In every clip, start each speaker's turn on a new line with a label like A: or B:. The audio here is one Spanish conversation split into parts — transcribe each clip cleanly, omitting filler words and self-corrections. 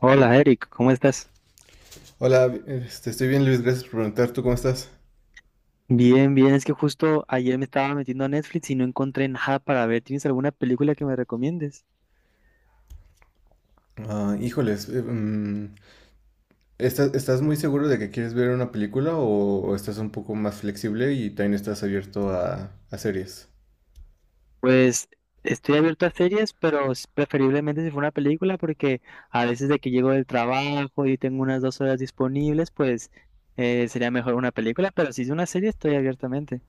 A: Hola Eric, ¿cómo estás?
B: Hola, estoy bien Luis, gracias por preguntar. ¿Tú cómo estás?
A: Bien, bien, es que justo ayer me estaba metiendo a Netflix y no encontré nada para ver. ¿Tienes alguna película que me recomiendes?
B: Ah, híjoles, ¿estás muy seguro de que quieres ver una película o estás un poco más flexible y también estás abierto a series?
A: Pues estoy abierto a series, pero preferiblemente si fue una película porque a veces de que llego del trabajo y tengo unas dos horas disponibles, pues sería mejor una película, pero si es una serie estoy abiertamente.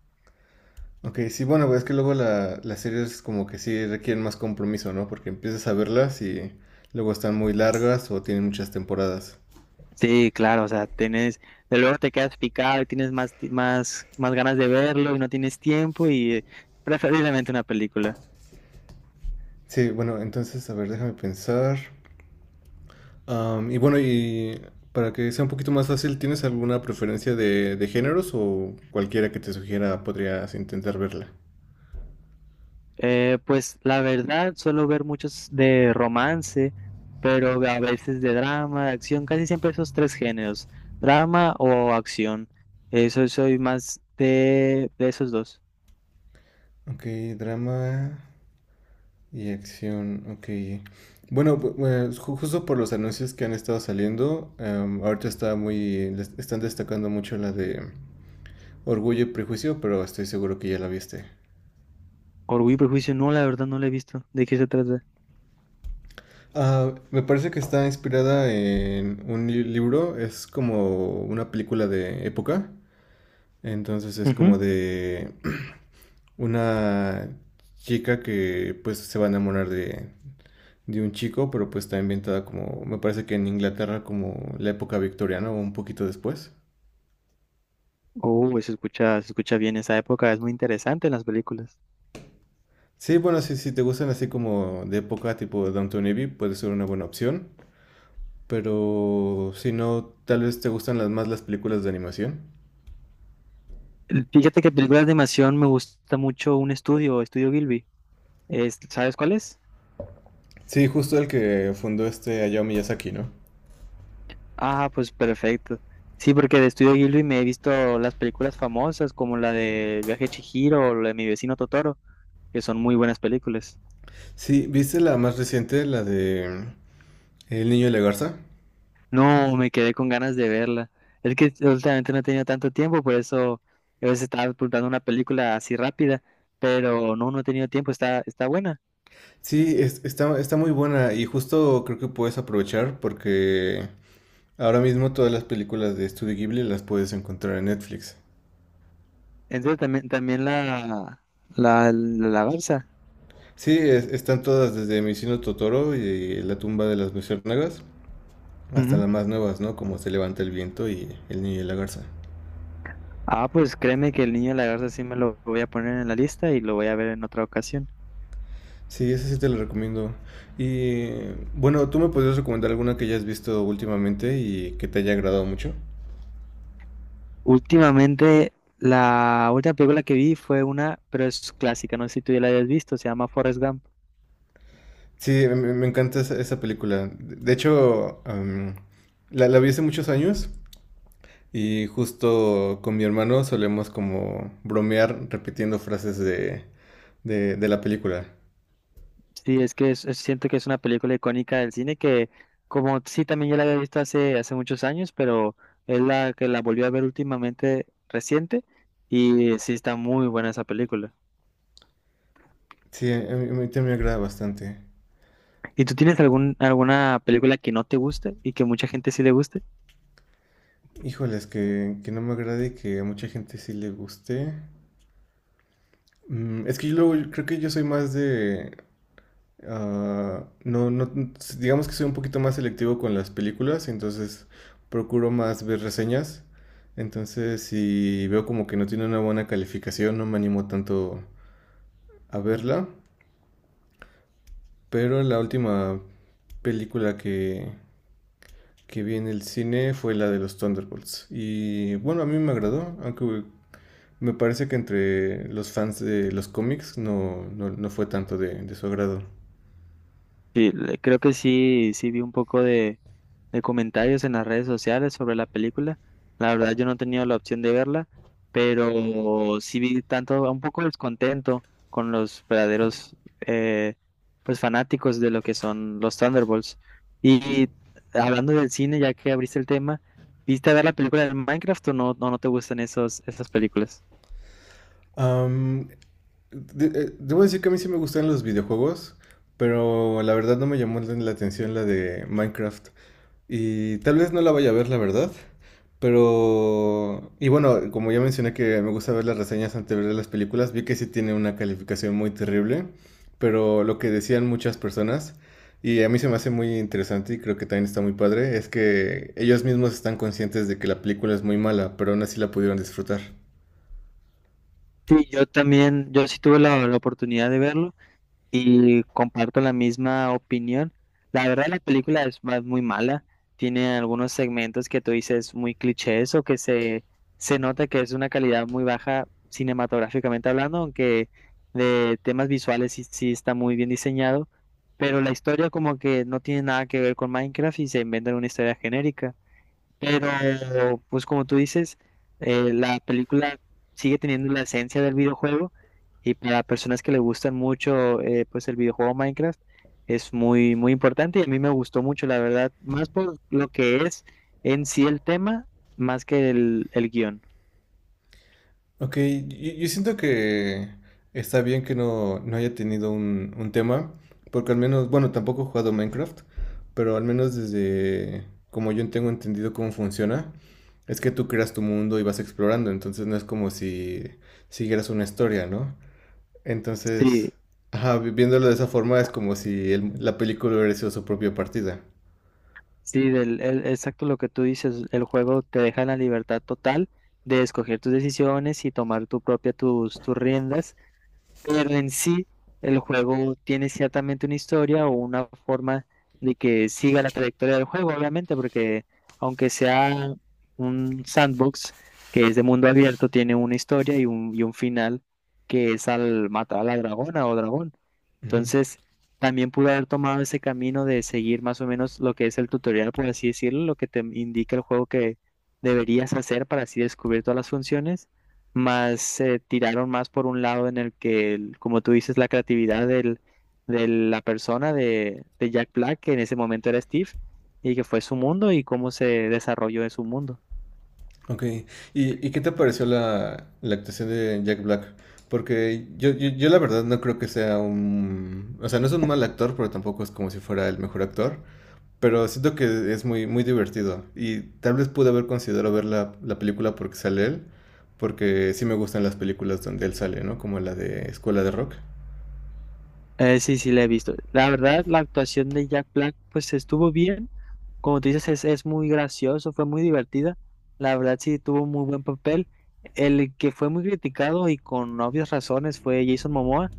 B: Ok, sí, bueno, pues es que luego las series como que sí requieren más compromiso, ¿no? Porque empiezas a verlas y luego están muy largas o tienen muchas temporadas.
A: Sí, claro, o sea, tienes, de luego te quedas picado y tienes más, más, más ganas de verlo y no tienes tiempo y preferiblemente una película.
B: Sí, bueno, entonces, a ver, déjame pensar. Y bueno, y para que sea un poquito más fácil, ¿tienes alguna preferencia de géneros o cualquiera que te sugiera podrías intentar verla?
A: Pues la verdad, suelo ver muchos de romance, pero a veces de drama, de acción, casi siempre esos tres géneros, drama o acción. Eso soy más de esos dos.
B: Ok, drama y acción, ok. Bueno, pues, justo por los anuncios que han estado saliendo, ahorita están destacando mucho la de Orgullo y Prejuicio, pero estoy seguro que ya la viste.
A: Orgullo y Prejuicio, no, la verdad no lo he visto. ¿De qué se trata?
B: Ah, me parece que está inspirada en un libro, es como una película de época. Entonces es
A: Ujú.
B: como de una chica que pues se va a enamorar de un chico, pero pues está inventada como, me parece que en Inglaterra como la época victoriana o un poquito después.
A: Oh, se escucha bien esa época, es muy interesante en las películas.
B: Sí, bueno, si te gustan así como de época tipo Downton Abbey, puede ser una buena opción. Pero si no, tal vez te gustan más las películas de animación.
A: Fíjate que películas de animación me gusta mucho un estudio, Estudio Gilby. ¿Sabes cuál es?
B: Sí, justo el que fundó Hayao Miyazaki, ¿no?
A: Ah, pues perfecto. Sí, porque de Estudio Ghibli me he visto las películas famosas como la de El viaje de Chihiro o la de Mi vecino Totoro, que son muy buenas películas.
B: Sí, ¿viste la más reciente, la de El niño y la garza?
A: No, me quedé con ganas de verla. Es que últimamente no he tenido tanto tiempo, por eso a veces estaba apuntando una película así rápida, pero no, no he tenido tiempo, está, está buena.
B: Sí, está muy buena y justo creo que puedes aprovechar porque ahora mismo todas las películas de Studio Ghibli las puedes encontrar en Netflix.
A: Entonces también, también la, garza.
B: Sí, están todas desde Mi vecino Totoro y La tumba de las luciérnagas hasta
A: Ujú.
B: las más nuevas, ¿no? Como Se levanta el viento y El niño y la garza.
A: Ah, pues créeme que el niño de la garza sí me lo voy a poner en la lista y lo voy a ver en otra ocasión.
B: Sí, esa sí te la recomiendo. Y bueno, ¿tú me podrías recomendar alguna que hayas visto últimamente y que te haya agradado mucho?
A: Últimamente, la última película que vi fue una, pero es clásica, no sé si tú ya la hayas visto, se llama Forrest Gump.
B: Sí, me encanta esa película. De hecho, la vi hace muchos años, y justo con mi hermano solemos como bromear repitiendo frases de la película.
A: Sí, es que siento que es una película icónica del cine que, como sí, también ya la había visto hace, hace muchos años, pero es la que la volví a ver últimamente reciente y sí está muy buena esa película.
B: Sí, a mí también me agrada bastante.
A: ¿Y tú tienes algún, alguna película que no te guste y que mucha gente sí le guste?
B: Híjoles, que no me agrade y que a mucha gente sí le guste. Es que yo creo que yo soy más de. Ah, no, no, digamos que soy un poquito más selectivo con las películas, entonces procuro más ver reseñas. Entonces, si veo como que no tiene una buena calificación, no me animo tanto a verla. Pero la última película que vi en el cine fue la de los Thunderbolts. Y bueno, a mí me agradó, aunque me parece que entre los fans de los cómics no, no, no fue tanto de su agrado.
A: Sí, creo que sí, sí vi un poco de comentarios en las redes sociales sobre la película. La verdad yo no he tenido la opción de verla, pero sí vi tanto, un poco descontento con los verdaderos pues fanáticos de lo que son los Thunderbolts. Y hablando del cine, ya que abriste el tema, ¿viste a ver la película de Minecraft o no, no, no te gustan esos, esas películas?
B: Am, debo decir que a mí sí me gustan los videojuegos, pero la verdad no me llamó la atención la de Minecraft. Y tal vez no la vaya a ver, la verdad. Y bueno, como ya mencioné que me gusta ver las reseñas antes de ver las películas, vi que sí tiene una calificación muy terrible. Pero lo que decían muchas personas, y a mí se me hace muy interesante y creo que también está muy padre, es que ellos mismos están conscientes de que la película es muy mala, pero aún así la pudieron disfrutar.
A: Sí, yo también, yo sí tuve la, la oportunidad de verlo. Y comparto la misma opinión. La verdad, la película es más muy mala. Tiene algunos segmentos que tú dices muy clichés o que se nota que es una calidad muy baja cinematográficamente hablando, aunque de temas visuales sí, sí está muy bien diseñado. Pero la historia como que no tiene nada que ver con Minecraft y se inventan una historia genérica. Pero, pues como tú dices, la película sigue teniendo la esencia del videojuego y para personas que le gustan mucho, pues el videojuego Minecraft es muy, muy importante y a mí me gustó mucho, la verdad, más por lo que es en sí el tema, más que el guión.
B: Ok, yo siento que está bien que no, no haya tenido un tema, porque al menos, bueno, tampoco he jugado Minecraft, pero al menos desde como yo tengo entendido cómo funciona, es que tú creas tu mundo y vas explorando, entonces no es como si siguieras una historia, ¿no? Entonces,
A: Sí,
B: ajá, viéndolo de esa forma es como si la película hubiera sido su propia partida.
A: sí, exacto lo que tú dices, el juego te deja la libertad total de escoger tus decisiones y tomar tu propia, tus, tus riendas. Pero en sí, el juego tiene ciertamente una historia o una forma de que siga la trayectoria del juego, obviamente, porque aunque sea un sandbox que es de mundo abierto, tiene una historia y un final que es al matar a la dragona o dragón. Entonces, también pude haber tomado ese camino de seguir más o menos lo que es el tutorial, por así decirlo, lo que te indica el juego que deberías hacer para así descubrir todas las funciones, más se tiraron más por un lado en el que, como tú dices, la creatividad del, de la persona de Jack Black, que en ese momento era Steve, y que fue su mundo y cómo se desarrolló en su mundo.
B: Ok, ¿Y qué te pareció la actuación de Jack Black? Porque yo la verdad no creo que sea O sea, no es un mal actor, pero tampoco es como si fuera el mejor actor. Pero siento que es muy, muy divertido. Y tal vez pude haber considerado ver la película porque sale él. Porque sí me gustan las películas donde él sale, ¿no? Como la de Escuela de Rock.
A: Sí, sí, la he visto. La verdad, la actuación de Jack Black, pues estuvo bien. Como tú dices, es muy gracioso, fue muy divertida. La verdad, sí, tuvo muy buen papel. El que fue muy criticado y con obvias razones fue Jason Momoa,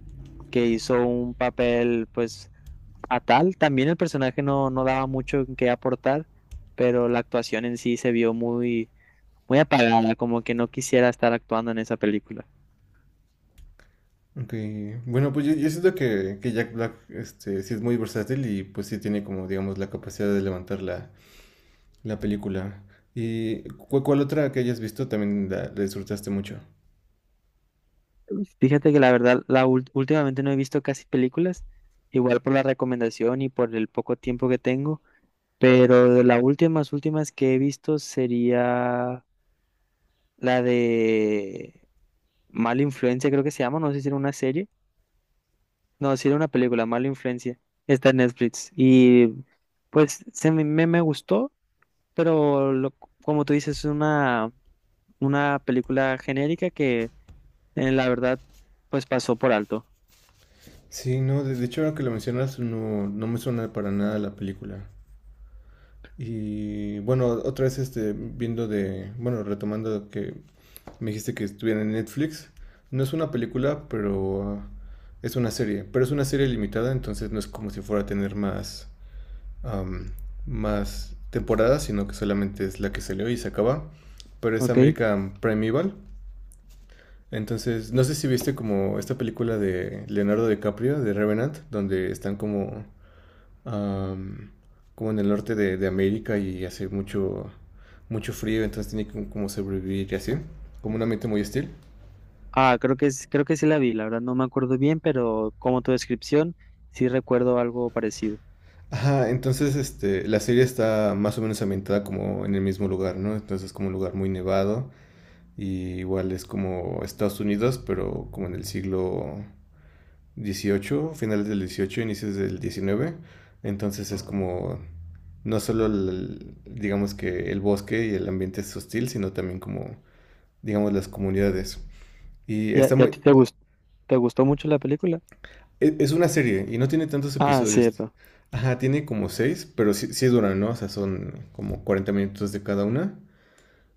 A: que hizo un papel, pues, fatal. También el personaje no, no daba mucho que aportar, pero la actuación en sí se vio muy, muy apagada, como que no quisiera estar actuando en esa película.
B: Ok, bueno, pues yo siento que Jack Black sí es muy versátil y pues sí tiene como, digamos, la capacidad de levantar la película. ¿Y cuál otra que hayas visto también la disfrutaste mucho?
A: Fíjate que la verdad, la últimamente no he visto casi películas, igual por la recomendación y por el poco tiempo que tengo, pero de las últimas, últimas que he visto sería la de Mala Influencia, creo que se llama, no sé si era una serie, no, si era una película, Mala Influencia, está en Netflix y pues me gustó, pero como tú dices, es una película genérica que la verdad pues pasó por alto.
B: Sí, no, de hecho ahora que lo mencionas no, no me suena para nada la película. Y bueno, otra vez viendo de, bueno, retomando que me dijiste que estuviera en Netflix, no es una película, pero es una serie, pero es una serie limitada, entonces no es como si fuera a tener más, am, más temporadas, sino que solamente es la que salió y se acaba, pero es
A: ¿Ok?
B: American Primeval. Entonces, no sé si viste como esta película de Leonardo DiCaprio, de Revenant, donde están como, am, como en el norte de América y hace mucho, mucho frío, entonces tiene que como sobrevivir y así, como un ambiente muy hostil.
A: Ah, creo que es, creo que sí la vi, la verdad no me acuerdo bien, pero como tu descripción, sí recuerdo algo parecido.
B: Ajá, entonces la serie está más o menos ambientada como en el mismo lugar, ¿no? Entonces es como un lugar muy nevado y igual es como Estados Unidos, pero como en el siglo XVIII, finales del XVIII, inicios del XIX. Entonces es como no solo digamos que el bosque y el ambiente es hostil, sino también como digamos las comunidades. Y está
A: Y a
B: muy
A: ti te gustó mucho la película?
B: es una serie y no tiene tantos
A: Ah,
B: episodios.
A: cierto.
B: Ajá, tiene como seis, pero sí, sí duran, ¿no? O sea, son como 40 minutos de cada una.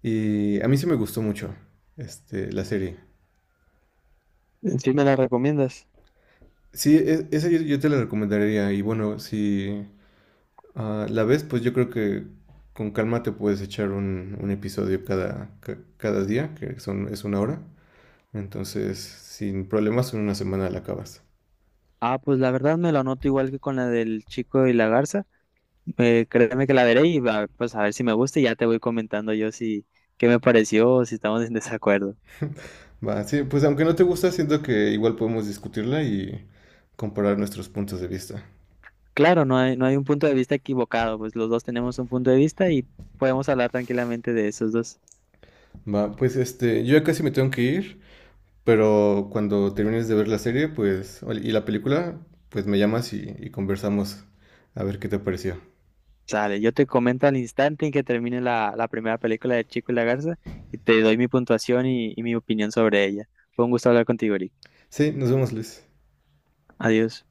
B: Y a mí sí me gustó mucho la serie.
A: ¿Sí me la recomiendas?
B: Sí, esa yo te la recomendaría. Y bueno, si, ah, la vez, pues yo creo que con calma te puedes echar un episodio cada día, es una hora. Entonces, sin problemas, en una semana la acabas.
A: Ah, pues la verdad me la anoto igual que con la del chico y la garza. Créeme que la veré y va, pues a ver si me gusta y ya te voy comentando yo si qué me pareció o si estamos en desacuerdo.
B: Va, sí, pues aunque no te gusta, siento que igual podemos discutirla y comparar nuestros puntos de vista.
A: Claro, no hay, no hay un punto de vista equivocado, pues los dos tenemos un punto de vista y podemos hablar tranquilamente de esos dos.
B: Va, pues yo ya casi me tengo que ir, pero cuando termines de ver la serie, pues, y la película, pues me llamas y conversamos a ver qué te pareció.
A: Sale, yo te comento al instante en que termine la, la primera película de Chico y la Garza y te doy mi puntuación y mi opinión sobre ella. Fue un gusto hablar contigo, Eric.
B: Sí, nos vemos, Luis.
A: Adiós.